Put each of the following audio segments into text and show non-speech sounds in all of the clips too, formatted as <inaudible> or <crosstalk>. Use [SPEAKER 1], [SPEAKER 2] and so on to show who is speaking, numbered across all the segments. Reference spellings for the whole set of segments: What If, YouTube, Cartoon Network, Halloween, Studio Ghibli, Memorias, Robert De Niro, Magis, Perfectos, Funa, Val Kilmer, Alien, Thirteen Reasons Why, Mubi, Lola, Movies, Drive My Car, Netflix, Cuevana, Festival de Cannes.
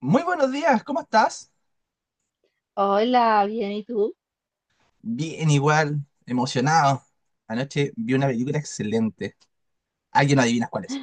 [SPEAKER 1] Muy buenos días, ¿cómo estás?
[SPEAKER 2] Hola, bien, ¿y tú?
[SPEAKER 1] Bien, igual, emocionado. Anoche vi una película excelente. Alguien no adivinas cuál es.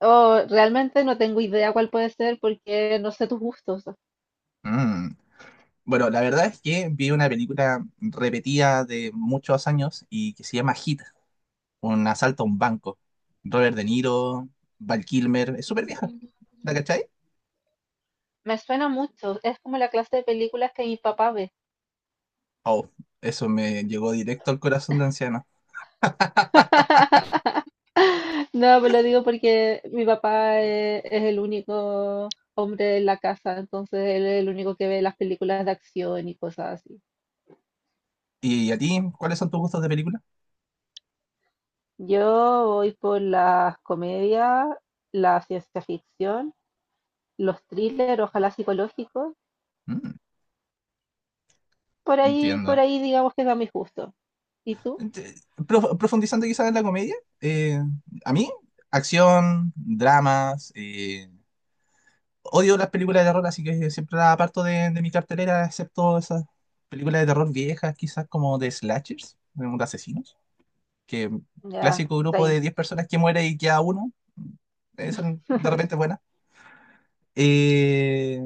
[SPEAKER 2] Oh, realmente no tengo idea cuál puede ser porque no sé tus gustos.
[SPEAKER 1] Mm. Bueno, la verdad es que vi una película repetida de muchos años y que se llama Hit, un asalto a un banco. Robert De Niro, Val Kilmer, es súper vieja,
[SPEAKER 2] Mm.
[SPEAKER 1] ¿la cachai?
[SPEAKER 2] Me suena mucho, es como la clase de películas que mi papá ve.
[SPEAKER 1] Oh, eso me llegó directo al corazón de anciano.
[SPEAKER 2] <laughs> No, me lo digo porque mi papá es, el único hombre en la casa, entonces él es el único que ve las películas de acción y cosas así.
[SPEAKER 1] ¿Y a ti, cuáles son tus gustos de película?
[SPEAKER 2] Yo voy por las comedias, la ciencia ficción, los thrillers, ojalá psicológicos.
[SPEAKER 1] Mm,
[SPEAKER 2] Por
[SPEAKER 1] Entiendo.
[SPEAKER 2] ahí digamos que va mi gusto. ¿Y tú?
[SPEAKER 1] Ent- Profundizando quizás en la comedia, eh, a mí, acción, dramas, odio las películas de terror, así que siempre las aparto de mi cartelera, excepto esas películas de terror viejas, quizás como de slashers, de unos asesinos, que
[SPEAKER 2] Ya,
[SPEAKER 1] clásico grupo
[SPEAKER 2] same.
[SPEAKER 1] de 10 personas que muere y queda uno, son de repente
[SPEAKER 2] <laughs>
[SPEAKER 1] buenas. Eh,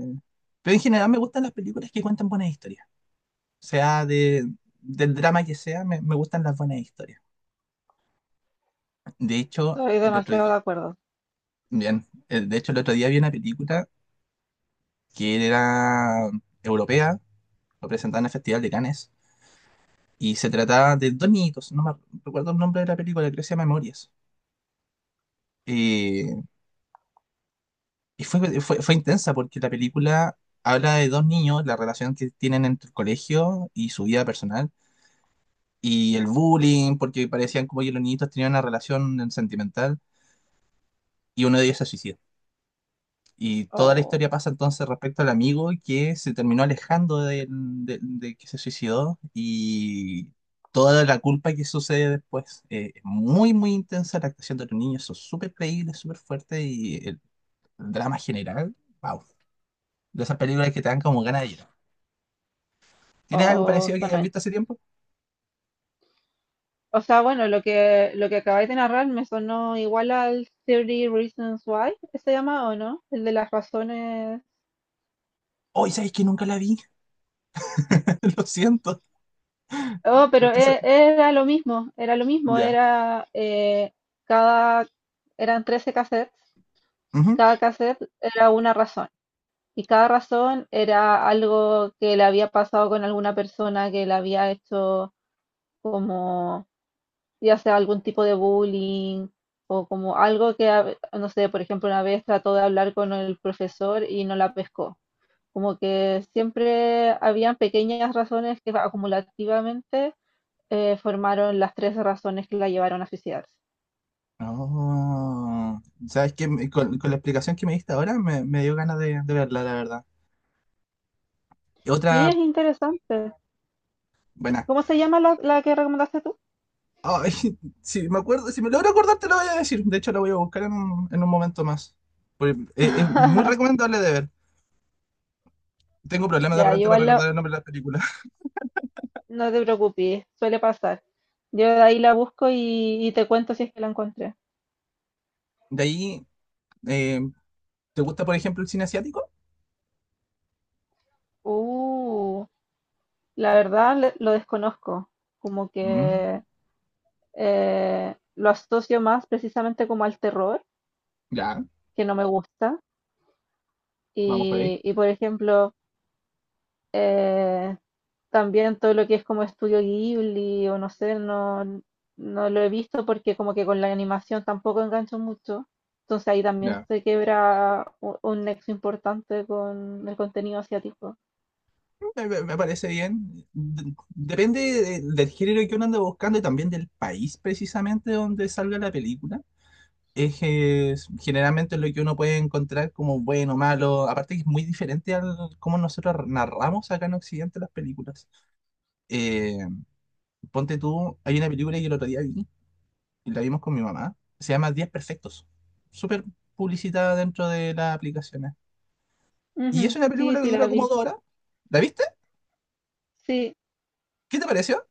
[SPEAKER 1] pero en general me gustan las películas que cuentan buenas historias, o sea, del drama que sea, me gustan las buenas historias. De hecho,
[SPEAKER 2] Estoy
[SPEAKER 1] el otro
[SPEAKER 2] demasiado
[SPEAKER 1] día.
[SPEAKER 2] de acuerdo.
[SPEAKER 1] Bien. De hecho el otro día vi una película que era europea, lo presentaban en el Festival de Cannes, y se trataba de dos niñitos, no me recuerdo el nombre de la película, creo que se llama Memorias. Eh, y fue intensa porque la película habla de dos niños, la relación que tienen entre el colegio y su vida personal, y el bullying, porque parecían como que los niñitos tenían una relación sentimental, y uno de ellos se suicida. Y toda la historia
[SPEAKER 2] o
[SPEAKER 1] pasa entonces respecto al amigo que se terminó alejando de que se suicidó y toda la culpa que sucede después. Es muy, muy intensa la actuación de los niños, son súper creíbles, súper fuertes y el drama general, wow. De esas películas que te dan como ganas de llorar. ¿Tienes algo
[SPEAKER 2] o
[SPEAKER 1] parecido que hayas
[SPEAKER 2] suena-
[SPEAKER 1] visto hace tiempo?
[SPEAKER 2] O sea, bueno, lo que acabáis de narrar me sonó igual al 30 Reasons Why, ¿se llama o no? El de las razones.
[SPEAKER 1] Hoy, ¿sabes que nunca la vi? <laughs> Lo siento.
[SPEAKER 2] Oh,
[SPEAKER 1] Lo
[SPEAKER 2] pero
[SPEAKER 1] que hace-
[SPEAKER 2] era lo mismo,
[SPEAKER 1] Ya.
[SPEAKER 2] cada, eran 13 cassettes, y
[SPEAKER 1] Ujú.
[SPEAKER 2] cada cassette era una razón, y cada razón era algo que le había pasado con alguna persona que le había hecho como ya sea algún tipo de bullying o como algo que, no sé, por ejemplo, una vez trató de hablar con el profesor y no la pescó. Como que siempre habían pequeñas razones que acumulativamente formaron las tres razones que la llevaron a suicidarse.
[SPEAKER 1] Oh, ¿sabes qué? Con la explicación que me diste ahora me dio ganas de verla, la verdad. Y
[SPEAKER 2] Sí, es
[SPEAKER 1] otra,
[SPEAKER 2] interesante.
[SPEAKER 1] buena.
[SPEAKER 2] ¿Cómo se llama la que recomendaste tú?
[SPEAKER 1] Ay, <laughs> si me acuerdo, si me logro acordar te lo voy a decir. De hecho, la voy a buscar en un momento más. Porque, es muy
[SPEAKER 2] <laughs>
[SPEAKER 1] recomendable de ver. Tengo problemas de
[SPEAKER 2] Ya,
[SPEAKER 1] repente para
[SPEAKER 2] igual
[SPEAKER 1] recordar el nombre de las películas. <laughs>
[SPEAKER 2] no te preocupes, suele pasar. Yo de ahí la busco y te cuento si es que la encontré.
[SPEAKER 1] De ahí, eh, ¿te gusta, por ejemplo, el cine asiático?
[SPEAKER 2] Uh. La verdad lo desconozco, como
[SPEAKER 1] Mm,
[SPEAKER 2] que lo asocio más precisamente como al terror,
[SPEAKER 1] ya,
[SPEAKER 2] que no me gusta.
[SPEAKER 1] vamos por ahí.
[SPEAKER 2] Por ejemplo, eh, también todo lo que es como estudio Ghibli o no sé, no, no lo he visto porque como que con la animación tampoco engancho mucho. Entonces ahí también
[SPEAKER 1] Ya.
[SPEAKER 2] se quebra un nexo importante con el contenido asiático.
[SPEAKER 1] Me parece bien. Depende del género que uno ande buscando y también del país precisamente donde salga la película. Es, generalmente lo que uno puede encontrar como bueno, malo. Aparte que es muy diferente al cómo nosotros narramos acá en Occidente las películas. Eh, ponte tú, hay una película que el otro día vi, y la vimos con mi mamá, se llama 10 Perfectos. Súper publicitada dentro de las aplicaciones. Y es
[SPEAKER 2] Ujú,
[SPEAKER 1] una
[SPEAKER 2] sí,
[SPEAKER 1] película que
[SPEAKER 2] sí, la
[SPEAKER 1] dura como
[SPEAKER 2] vi.
[SPEAKER 1] 2 horas. ¿La viste?
[SPEAKER 2] Sí,
[SPEAKER 1] ¿Qué te pareció?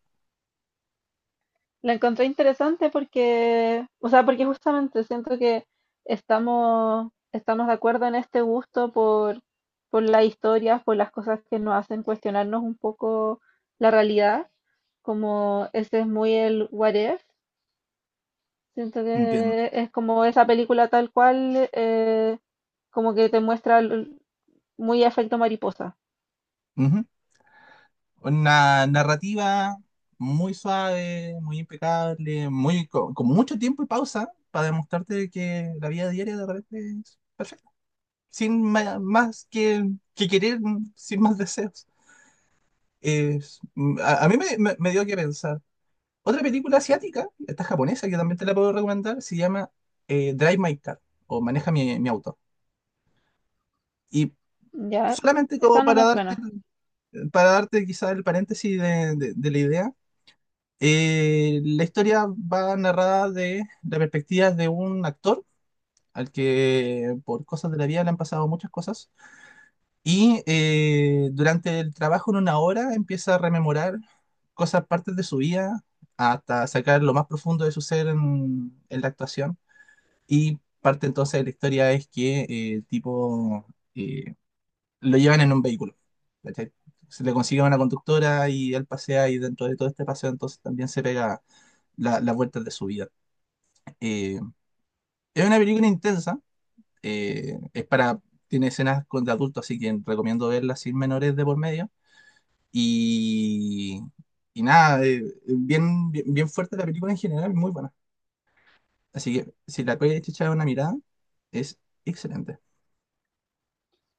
[SPEAKER 2] la encontré interesante porque, o sea, porque justamente siento que estamos de acuerdo en este gusto por las historias, por las cosas que nos hacen cuestionarnos un poco la realidad, como ese es muy el What If, siento
[SPEAKER 1] Entiendo.
[SPEAKER 2] que es como esa película tal cual, como que te muestra muy efecto mariposa,
[SPEAKER 1] Una narrativa muy suave, muy impecable, muy con mucho tiempo y pausa para demostrarte que la vida diaria de repente es perfecta, sin más que, querer, sin más deseos. Es- a mí me dio que pensar. Otra película asiática, esta japonesa, que también te la puedo recomendar, se llama Drive My Car o Maneja mi auto. Y
[SPEAKER 2] ¿ya?
[SPEAKER 1] solamente como
[SPEAKER 2] Esa no me suena.
[SPEAKER 1] para darte quizá el paréntesis de la idea. La historia va narrada de la perspectiva de un actor al que por cosas de la vida le han pasado muchas cosas y durante el trabajo en una hora empieza a rememorar cosas, partes de su vida hasta sacar lo más profundo de su ser en la actuación y parte entonces de la historia es que el tipo eh, lo llevan en un vehículo. ¿Cachai? Se le consigue una conductora y él pasea y dentro de todo este paseo entonces también se pega las vueltas de su vida. Eh, es una película intensa, es para, tiene escenas con de adultos, así que recomiendo verla sin menores de por medio. Y, y nada, bien, bien, bien fuerte la película en general, muy buena. Así que si la puedes echar una mirada, es excelente.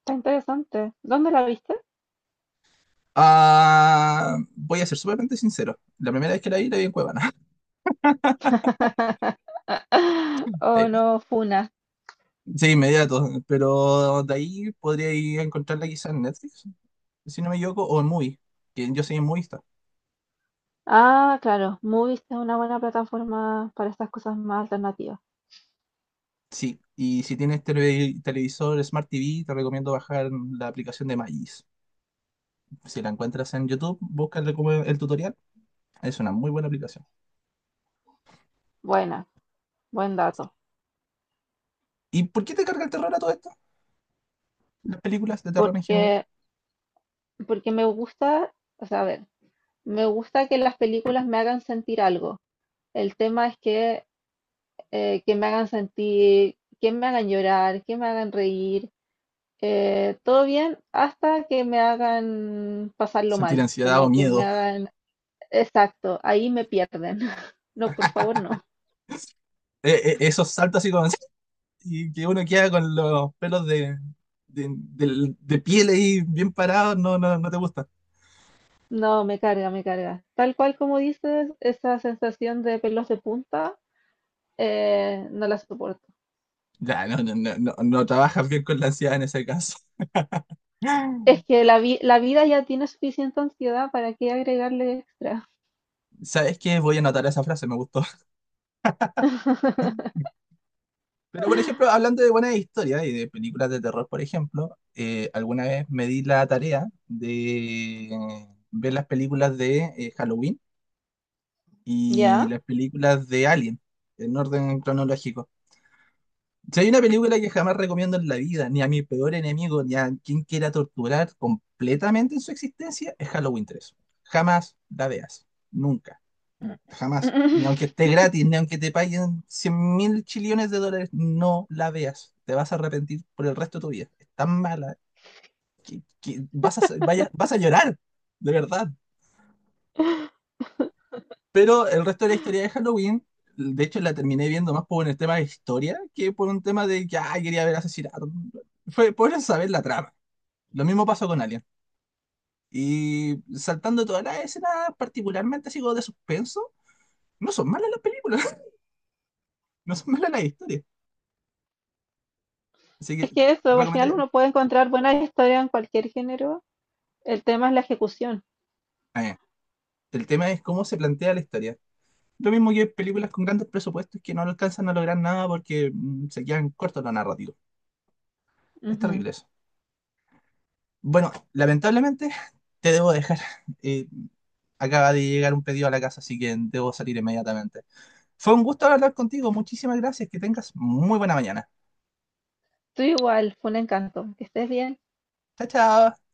[SPEAKER 2] Está interesante. ¿Dónde la viste?
[SPEAKER 1] Ah, voy a ser sumamente sincero. La primera vez que la vi en Cuevana. <laughs>
[SPEAKER 2] <laughs> ¿O
[SPEAKER 1] Sí,
[SPEAKER 2] no, Funa?
[SPEAKER 1] sí, inmediato. Pero de ahí podría ir a encontrarla quizás en Netflix, si no me equivoco, o en Mubi, que yo soy en Mubi.
[SPEAKER 2] Ah, claro, Movies es una buena plataforma para estas cosas más alternativas.
[SPEAKER 1] Sí, y si tienes televisor Smart TV, te recomiendo bajar la aplicación de Magis. Si la encuentras en YouTube, búscale como el tutorial. Es una muy buena aplicación.
[SPEAKER 2] Buena, buen dato.
[SPEAKER 1] ¿Y por qué te carga el terror a todo esto? Las películas de terror en general.
[SPEAKER 2] Porque, porque me gusta, o sea, a ver, me gusta que las películas me hagan sentir algo. El tema es que me hagan sentir, que me hagan llorar, que me hagan reír, todo bien, hasta que me hagan pasarlo
[SPEAKER 1] Sentir
[SPEAKER 2] mal,
[SPEAKER 1] ansiedad o
[SPEAKER 2] como que me
[SPEAKER 1] miedo.
[SPEAKER 2] hagan, exacto, ahí me pierden. <laughs> No, por favor, no.
[SPEAKER 1] Esos saltos así como así. Y que uno queda con los pelos de piel ahí bien parados, no, no, no te gusta.
[SPEAKER 2] No, me carga, me carga. Tal cual como dices, esa sensación de pelos de punta, no la soporto.
[SPEAKER 1] Ya, no, no, no, no, no trabajas bien con la ansiedad en ese caso.
[SPEAKER 2] Es
[SPEAKER 1] <laughs>
[SPEAKER 2] que la vida ya tiene suficiente ansiedad, ¿para qué agregarle extra?
[SPEAKER 1] ¿Sabes qué? Voy a anotar esa frase, me gustó.
[SPEAKER 2] <laughs>
[SPEAKER 1] Pero, por ejemplo, hablando de buenas historias y de películas de terror, por ejemplo, alguna vez me di la tarea de ver las películas de Halloween
[SPEAKER 2] Ya.
[SPEAKER 1] y las películas de Alien, en orden cronológico. Si hay una película que jamás recomiendo en la vida, ni a mi peor enemigo, ni a quien quiera torturar completamente en su existencia, es Halloween 3. Jamás la veas. Nunca. Jamás. Ni aunque esté
[SPEAKER 2] <laughs>
[SPEAKER 1] gratis, ni aunque te paguen 100.000 chillones de dólares, no la veas. Te vas a arrepentir por el resto de tu vida. Es tan mala que vas a, vas a llorar. De verdad. Pero el resto de la historia de Halloween, de hecho la terminé viendo más por un tema de historia que por un tema de que "Ay, quería ver asesinato". Fue por saber la trama. Lo mismo pasó con Alien. Y saltando todas las escenas, particularmente así como de suspenso, no son malas las películas, <laughs> no son malas las historias. Así que
[SPEAKER 2] Es que
[SPEAKER 1] te
[SPEAKER 2] eso, al final
[SPEAKER 1] recomendaría.
[SPEAKER 2] uno puede encontrar buenas historias en cualquier género. El tema es la ejecución.
[SPEAKER 1] Ah, ya. El tema es cómo se plantea la historia. Lo mismo que películas con grandes presupuestos que no alcanzan a lograr nada porque se quedan cortos los narrativos. Es
[SPEAKER 2] Ujú.
[SPEAKER 1] terrible eso. Bueno, lamentablemente <laughs> te debo dejar. Eh, Acaba de llegar un pedido a la casa, así que debo salir inmediatamente. Fue un gusto hablar contigo. Muchísimas gracias. Que tengas muy buena mañana.
[SPEAKER 2] Tú igual, fue un encanto. Que estés bien.
[SPEAKER 1] Chao, chao.